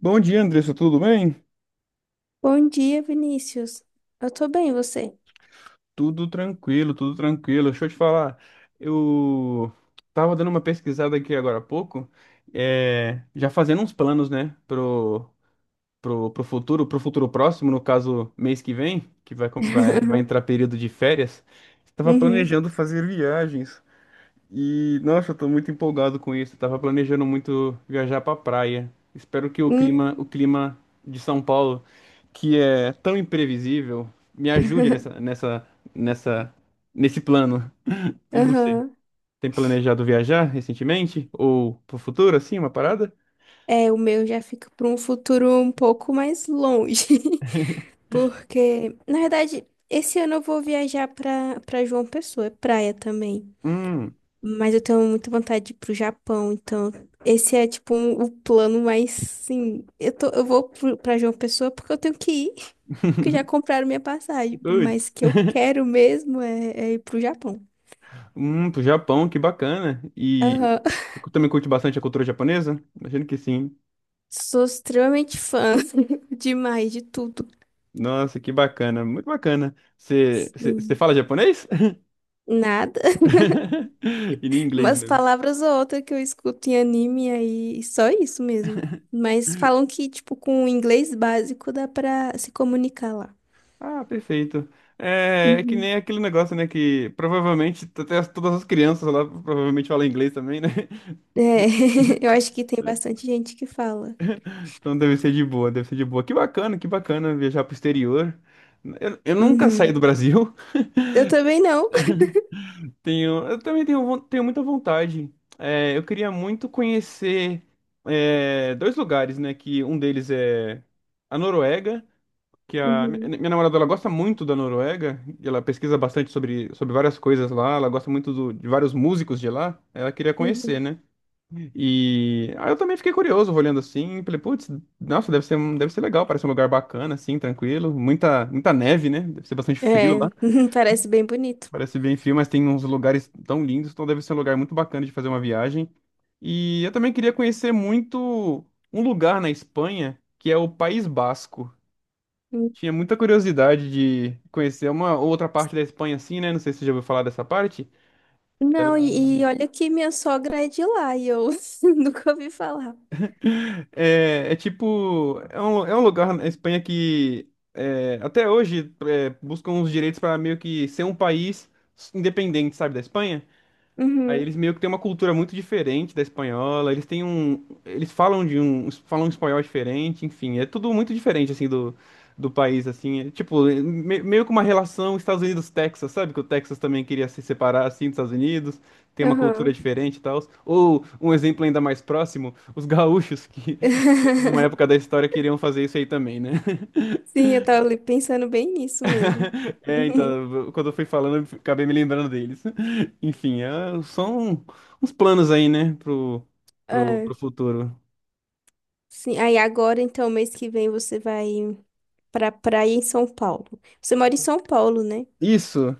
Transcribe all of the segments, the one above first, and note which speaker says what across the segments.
Speaker 1: Bom dia, Andressa, tudo bem?
Speaker 2: Bom dia, Vinícius. Eu tô bem, e você?
Speaker 1: Tudo tranquilo, tudo tranquilo. Deixa eu te falar, eu tava dando uma pesquisada aqui agora há pouco, já fazendo uns planos, né, pro futuro, pro futuro próximo, no caso, mês que vem, que vai entrar período de férias. Estava
Speaker 2: Uhum.
Speaker 1: planejando fazer viagens. E, nossa, eu tô muito empolgado com isso. Eu tava planejando muito viajar pra praia. Espero que
Speaker 2: Hum,
Speaker 1: o clima de São Paulo, que é tão imprevisível, me ajude nessa, nessa, nessa, nesse plano. E você?
Speaker 2: aham.
Speaker 1: Tem planejado viajar recentemente? Ou pro futuro, assim, uma parada?
Speaker 2: É, o meu já fica para um futuro um pouco mais longe, porque, na verdade, esse ano eu vou viajar para João Pessoa, é praia também.
Speaker 1: Hum,
Speaker 2: Mas eu tenho muita vontade de ir pro Japão, então esse é tipo o plano mais sim. Eu tô, eu vou pra João Pessoa porque eu tenho que ir, porque já compraram minha passagem, mas
Speaker 1: putz.
Speaker 2: que eu quero mesmo é, é ir pro Japão.
Speaker 1: Pro Japão, que bacana. E
Speaker 2: Aham.
Speaker 1: eu também curte bastante a cultura japonesa? Imagino que sim.
Speaker 2: Sou extremamente fã demais de tudo.
Speaker 1: Nossa, que bacana, muito bacana. Você você
Speaker 2: Sim.
Speaker 1: fala japonês?
Speaker 2: Nada.
Speaker 1: E nem inglês
Speaker 2: Umas
Speaker 1: mesmo.
Speaker 2: palavras ou outra que eu escuto em anime aí, e só isso mesmo. Mas falam que, tipo, com o inglês básico dá pra se comunicar lá.
Speaker 1: Ah, perfeito. É que
Speaker 2: Uhum.
Speaker 1: nem aquele negócio, né? Que provavelmente até todas as crianças lá provavelmente falam inglês também, né?
Speaker 2: É, eu acho que tem bastante gente que fala.
Speaker 1: Então deve ser de boa, deve ser de boa. Que bacana viajar pro exterior. Eu nunca saí
Speaker 2: Uhum.
Speaker 1: do Brasil.
Speaker 2: Eu também não.
Speaker 1: Eu também tenho, tenho muita vontade. Eu queria muito conhecer dois lugares, né? Que um deles é a Noruega, que a
Speaker 2: Uhum.
Speaker 1: minha namorada, ela gosta muito da Noruega, e ela pesquisa bastante sobre várias coisas lá, ela gosta muito de vários músicos de lá, ela queria conhecer,
Speaker 2: Uhum.
Speaker 1: né? E aí eu também fiquei curioso, olhando assim, falei, putz, nossa, deve ser legal, parece um lugar bacana, assim, tranquilo, muita neve, né? Deve ser bastante frio
Speaker 2: É,
Speaker 1: lá,
Speaker 2: parece bem bonito.
Speaker 1: parece bem frio, mas tem uns lugares tão lindos, então deve ser um lugar muito bacana de fazer uma viagem. E eu também queria conhecer muito um lugar na Espanha, que é o País Basco.
Speaker 2: Uhum.
Speaker 1: Tinha muita curiosidade de conhecer uma outra parte da Espanha, assim, né? Não sei se você já ouviu falar dessa parte.
Speaker 2: Não,
Speaker 1: Ela
Speaker 2: e olha que minha sogra é de lá e eu nunca ouvi falar.
Speaker 1: é tipo. É um lugar na Espanha que é, até hoje é, buscam os direitos para meio que ser um país independente, sabe, da Espanha. Aí
Speaker 2: Uhum.
Speaker 1: eles meio que têm uma cultura muito diferente da espanhola, eles têm um, eles falam de um, falam um espanhol diferente, enfim, é tudo muito diferente assim do país assim, tipo, é meio que uma relação Estados Unidos-Texas, sabe? Que o Texas também queria se separar assim dos Estados Unidos, tem uma cultura
Speaker 2: Aham.
Speaker 1: diferente e tal. Ou um exemplo ainda mais próximo, os gaúchos que numa época da história queriam fazer isso aí também, né?
Speaker 2: Sim, eu tava ali pensando bem nisso mesmo.
Speaker 1: Então, quando eu fui falando, eu acabei me lembrando deles. Enfim, são uns planos aí, né, pro
Speaker 2: É,
Speaker 1: futuro.
Speaker 2: sim. Aí agora, então, mês que vem você vai pra praia em São Paulo. Você mora em São Paulo, né?
Speaker 1: Isso,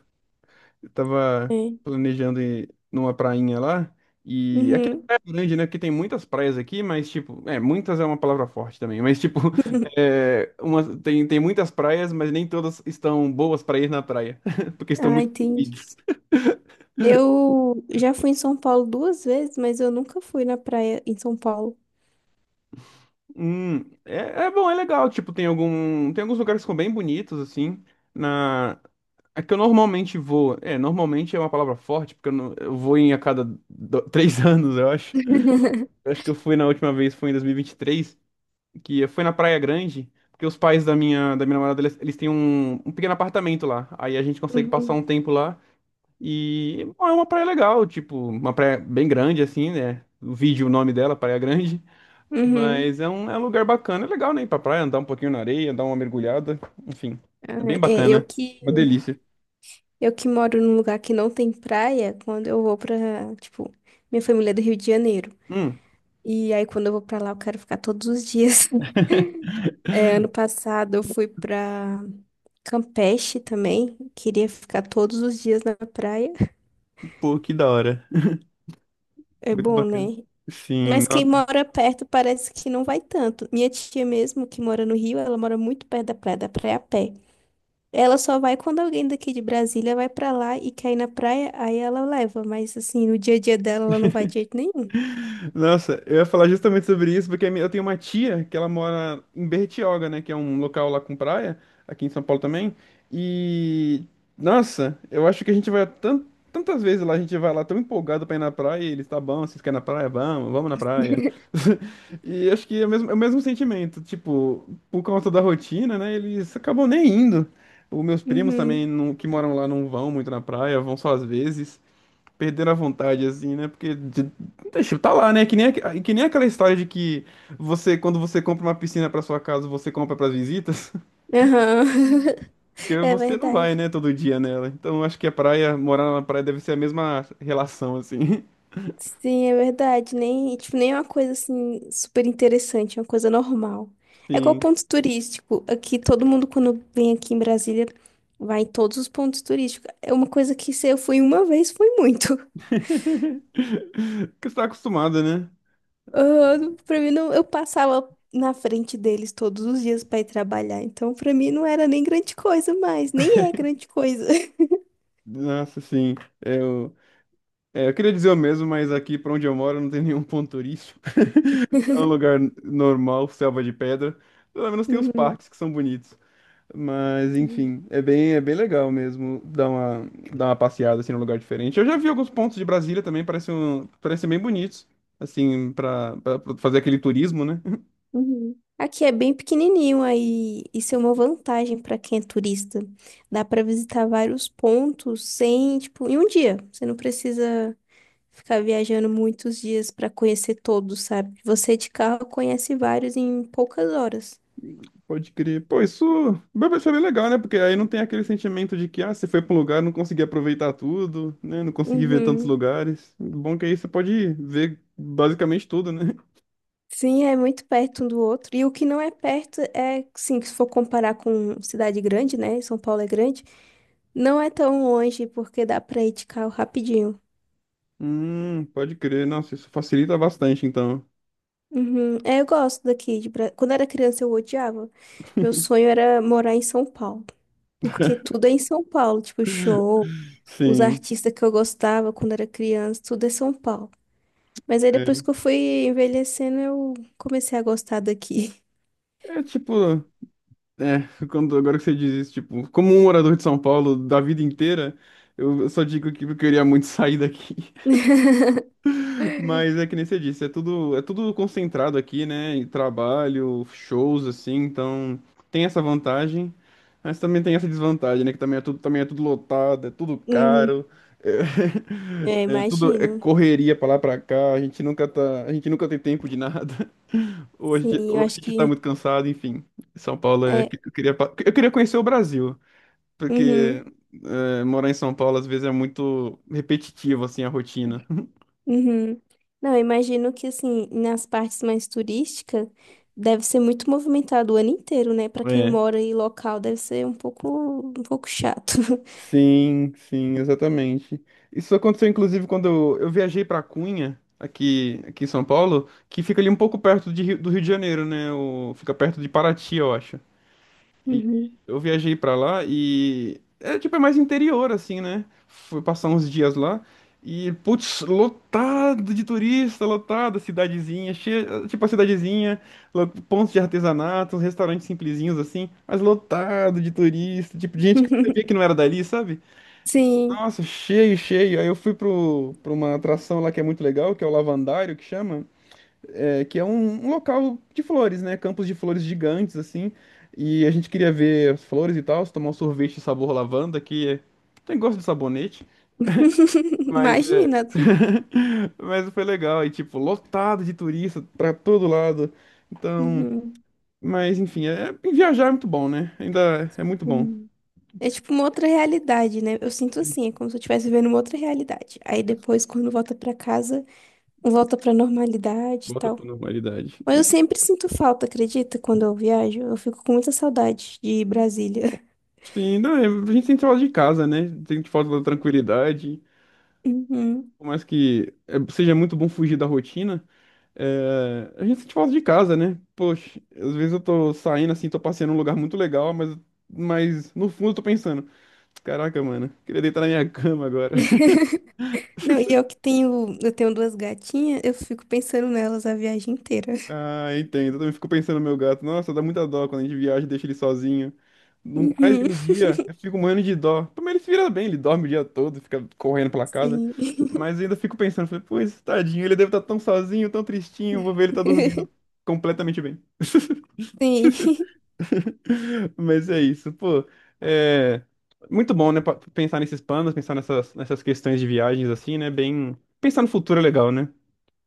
Speaker 1: eu tava
Speaker 2: É.
Speaker 1: planejando ir numa prainha lá, e aqui
Speaker 2: Uhum.
Speaker 1: é grande, né, que tem muitas praias aqui, mas, tipo, muitas é uma palavra forte também, mas, tipo, tem muitas praias, mas nem todas estão boas pra ir na praia, porque estão
Speaker 2: Ah,
Speaker 1: muito
Speaker 2: entendi.
Speaker 1: poluídas.
Speaker 2: Eu já fui em São Paulo duas vezes, mas eu nunca fui na praia em São Paulo.
Speaker 1: Hum, é bom, é legal. Tipo, tem alguns lugares que são bem bonitos, assim. Na, É que eu normalmente vou. Normalmente é uma palavra forte, porque eu, não- eu vou em a cada três anos, eu acho. Eu acho que eu fui na última vez, foi em 2023, que foi na Praia Grande, porque os pais da minha namorada, eles têm um pequeno apartamento lá. Aí a gente consegue passar
Speaker 2: Uhum.
Speaker 1: um tempo lá. E bom, é uma praia legal, tipo, uma praia bem grande, assim, né? O nome dela, Praia Grande.
Speaker 2: Uhum.
Speaker 1: Mas é um lugar bacana, é legal, né? Ir pra praia, andar um pouquinho na areia, dar uma mergulhada. Enfim,
Speaker 2: Ah,
Speaker 1: é bem
Speaker 2: é, eu
Speaker 1: bacana.
Speaker 2: que
Speaker 1: Uma delícia.
Speaker 2: eu que moro num lugar que não tem praia, quando eu vou pra, tipo, minha família é do Rio de Janeiro.
Speaker 1: Hum.
Speaker 2: E aí, quando eu vou pra lá, eu quero ficar todos os dias. É, ano passado, eu fui pra Campeche também. Queria ficar todos os dias na praia.
Speaker 1: Pô, que da hora.
Speaker 2: É
Speaker 1: Muito
Speaker 2: bom,
Speaker 1: bacana.
Speaker 2: né?
Speaker 1: Sim,
Speaker 2: Mas quem
Speaker 1: nossa.
Speaker 2: mora perto parece que não vai tanto. Minha tia mesmo, que mora no Rio, ela mora muito perto da praia a pé. Ela só vai quando alguém daqui de Brasília vai pra lá e quer ir na praia, aí ela leva. Mas, assim, no dia a dia dela, ela não vai de jeito nenhum.
Speaker 1: Nossa, eu ia falar justamente sobre isso, porque a eu tenho uma tia que ela mora em Bertioga, né? Que é um local lá com praia, aqui em São Paulo também. E, nossa, eu acho que a gente vai tantas vezes lá, a gente vai lá tão empolgado pra ir na praia, e eles, tá bom, vocês querem ir na praia? Vamos, vamos na praia. E acho que é o mesmo sentimento, tipo, por conta da rotina, né? Eles acabam nem indo. Os meus primos também,
Speaker 2: Uhum.
Speaker 1: que moram lá, não vão muito na praia, vão só às vezes. Perderam a vontade, assim, né? Porque, deixa, tá lá, né? Que nem aquela história de que você, quando você compra uma piscina pra sua casa, você compra pras visitas,
Speaker 2: Aham.
Speaker 1: porque
Speaker 2: É
Speaker 1: você não vai,
Speaker 2: verdade.
Speaker 1: né, todo dia nela. Então, acho que morar na praia deve ser a mesma relação, assim.
Speaker 2: Sim, é verdade. Nem, tipo, nem é uma coisa assim super interessante, é uma coisa normal. É igual
Speaker 1: Sim.
Speaker 2: ponto turístico. Aqui todo mundo quando vem aqui em Brasília vai em todos os pontos turísticos. É uma coisa que se eu fui uma vez foi muito.
Speaker 1: Porque você tá acostumada, né?
Speaker 2: Ah, pra mim não, eu passava na frente deles todos os dias pra ir trabalhar. Então pra mim não era nem grande coisa mais, nem é grande coisa.
Speaker 1: Nossa, sim. É, Eu, eu queria dizer o mesmo, mas aqui pra onde eu moro não tem nenhum ponto turístico. É um lugar normal, selva de pedra. Pelo menos tem os parques que são bonitos. Mas,
Speaker 2: Uhum.
Speaker 1: enfim, é bem legal mesmo dar uma passeada assim num lugar diferente. Eu já vi alguns pontos de Brasília também, parecem bem bonitos, assim, pra fazer aquele turismo, né?
Speaker 2: Uhum. Aqui é bem pequenininho, aí isso é uma vantagem para quem é turista. Dá para visitar vários pontos sem, tipo, em um dia. Você não precisa ficar viajando muitos dias para conhecer todos, sabe? Você de carro conhece vários em poucas horas.
Speaker 1: Pode crer. Pô, isso vai ser bem legal, né? Porque aí não tem aquele sentimento de que, ah, você foi pra um lugar, não consegui aproveitar tudo, né? Não consegui ver tantos
Speaker 2: Uhum.
Speaker 1: lugares. Bom é que aí você pode ver basicamente tudo, né?
Speaker 2: Sim, é muito perto um do outro. E o que não é perto é, sim, se for comparar com cidade grande, né? São Paulo é grande, não é tão longe porque dá para ir de carro rapidinho.
Speaker 1: Pode crer. Nossa, isso facilita bastante, então.
Speaker 2: Uhum. É, eu gosto daqui. De... Bra- Quando era criança, eu odiava. Meu sonho era morar em São Paulo. Porque tudo é em São Paulo, tipo show, os
Speaker 1: Sim.
Speaker 2: artistas que eu gostava quando era criança, tudo é São Paulo. Mas aí depois que
Speaker 1: É,
Speaker 2: eu fui envelhecendo, eu comecei a gostar daqui.
Speaker 1: é tipo. É, agora que você diz isso, tipo, como um morador de São Paulo da vida inteira, eu só digo que eu queria muito sair daqui. Mas é que nem você disse, é tudo concentrado aqui, né? E trabalho, shows, assim, então tem essa vantagem, mas também tem essa desvantagem, né? Que também é tudo lotado, é tudo
Speaker 2: Uhum.
Speaker 1: caro,
Speaker 2: É,
Speaker 1: é tudo é
Speaker 2: imagino.
Speaker 1: correria pra lá pra cá, a gente nunca tem tempo de nada, ou a gente,
Speaker 2: Sim, eu
Speaker 1: ou a
Speaker 2: acho
Speaker 1: gente tá
Speaker 2: que
Speaker 1: muito cansado, enfim. São Paulo é.
Speaker 2: é.
Speaker 1: Eu queria conhecer o Brasil porque
Speaker 2: Uhum.
Speaker 1: morar em São Paulo às vezes é muito repetitivo, assim, a rotina.
Speaker 2: Uhum. Não, eu imagino que assim, nas partes mais turísticas, deve ser muito movimentado o ano inteiro, né? Pra quem
Speaker 1: É.
Speaker 2: mora em local, deve ser um pouco chato.
Speaker 1: Sim, sim, exatamente. Isso aconteceu inclusive quando eu viajei para Cunha, aqui, em São Paulo, que fica ali um pouco perto de do Rio de Janeiro, né? Fica perto de Paraty, eu acho. E
Speaker 2: Uhum.
Speaker 1: eu viajei pra lá e é tipo é mais interior assim, né? Fui passar uns dias lá e putz, lotado de turista, lotado, cidadezinha, cheia, tipo a cidadezinha, pontos de artesanato, uns restaurantes simplesinhos assim, mas lotado de turista, tipo de gente que você via que não era dali, sabe?
Speaker 2: Sim.
Speaker 1: Nossa, cheio, cheio. Aí eu fui pra uma atração lá que é muito legal, que é o Lavandário que chama, que é um local de flores, né? Campos de flores gigantes, assim. E a gente queria ver as flores e tal, tomar um sorvete sabor lavanda, tem gosto de sabonete, mas é.
Speaker 2: Imagina.
Speaker 1: Mas foi legal, e tipo, lotado de turista pra todo lado. Então,
Speaker 2: Uhum.
Speaker 1: mas enfim, viajar é muito bom, né? Ainda é muito bom.
Speaker 2: Sim. É tipo uma outra realidade, né? Eu sinto assim, é como se eu estivesse vivendo uma outra realidade. Aí depois, quando volta pra casa, volta pra normalidade e
Speaker 1: Volta
Speaker 2: tal.
Speaker 1: pra normalidade.
Speaker 2: Mas eu sempre sinto falta, acredita? Quando eu viajo, eu fico com muita saudade de Brasília.
Speaker 1: Sim, não, a gente sente falta de casa, né? Sente falta da tranquilidade.
Speaker 2: Uhum.
Speaker 1: Por mais que seja muito bom fugir da rotina. A gente sente falta de casa, né? Poxa, às vezes eu tô saindo assim, tô passeando num lugar muito legal, mas no fundo eu tô pensando, caraca, mano, queria deitar na minha cama agora.
Speaker 2: Não, e eu que tenho, eu tenho duas gatinhas, eu fico pensando nelas a viagem inteira.
Speaker 1: Ah, entendo. Eu também fico pensando no meu gato. Nossa, dá muita dó quando a gente viaja e deixa ele sozinho. Mais de
Speaker 2: Uhum.
Speaker 1: um dia, eu fico morrendo de dó. Também ele se vira bem, ele dorme o dia todo, fica correndo pela casa.
Speaker 2: Sim.
Speaker 1: Mas ainda fico pensando, falei, pô, esse tadinho, ele deve estar tão sozinho, tão tristinho, vou ver ele tá dormindo completamente bem.
Speaker 2: Sim.
Speaker 1: Mas é isso, pô. É muito bom, né? Pensar nesses planos, pensar nessas questões de viagens, assim, né? Bem. Pensar no futuro é legal, né?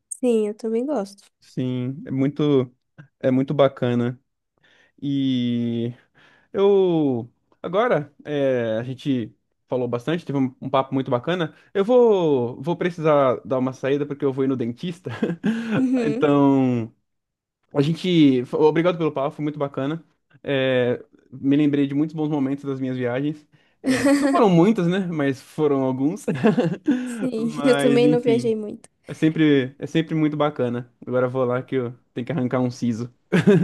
Speaker 2: Sim, eu também gosto.
Speaker 1: Sim, é muito bacana. E eu. Agora, a gente falou bastante, teve um papo muito bacana. Eu vou precisar dar uma saída porque eu vou ir no dentista.
Speaker 2: Uhum.
Speaker 1: Então. A gente. Obrigado pelo papo, foi muito bacana. É, Me lembrei de muitos bons momentos das minhas viagens. Não foram muitas, né? Mas foram alguns.
Speaker 2: Sim, eu
Speaker 1: Mas,
Speaker 2: também não
Speaker 1: enfim.
Speaker 2: viajei muito.
Speaker 1: É sempre muito bacana. Agora eu vou lá que eu tenho que arrancar um siso.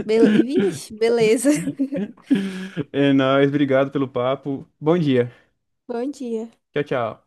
Speaker 2: Bel... Vixe, beleza.
Speaker 1: É nóis, obrigado pelo papo. Bom dia.
Speaker 2: Bom dia.
Speaker 1: Tchau, tchau.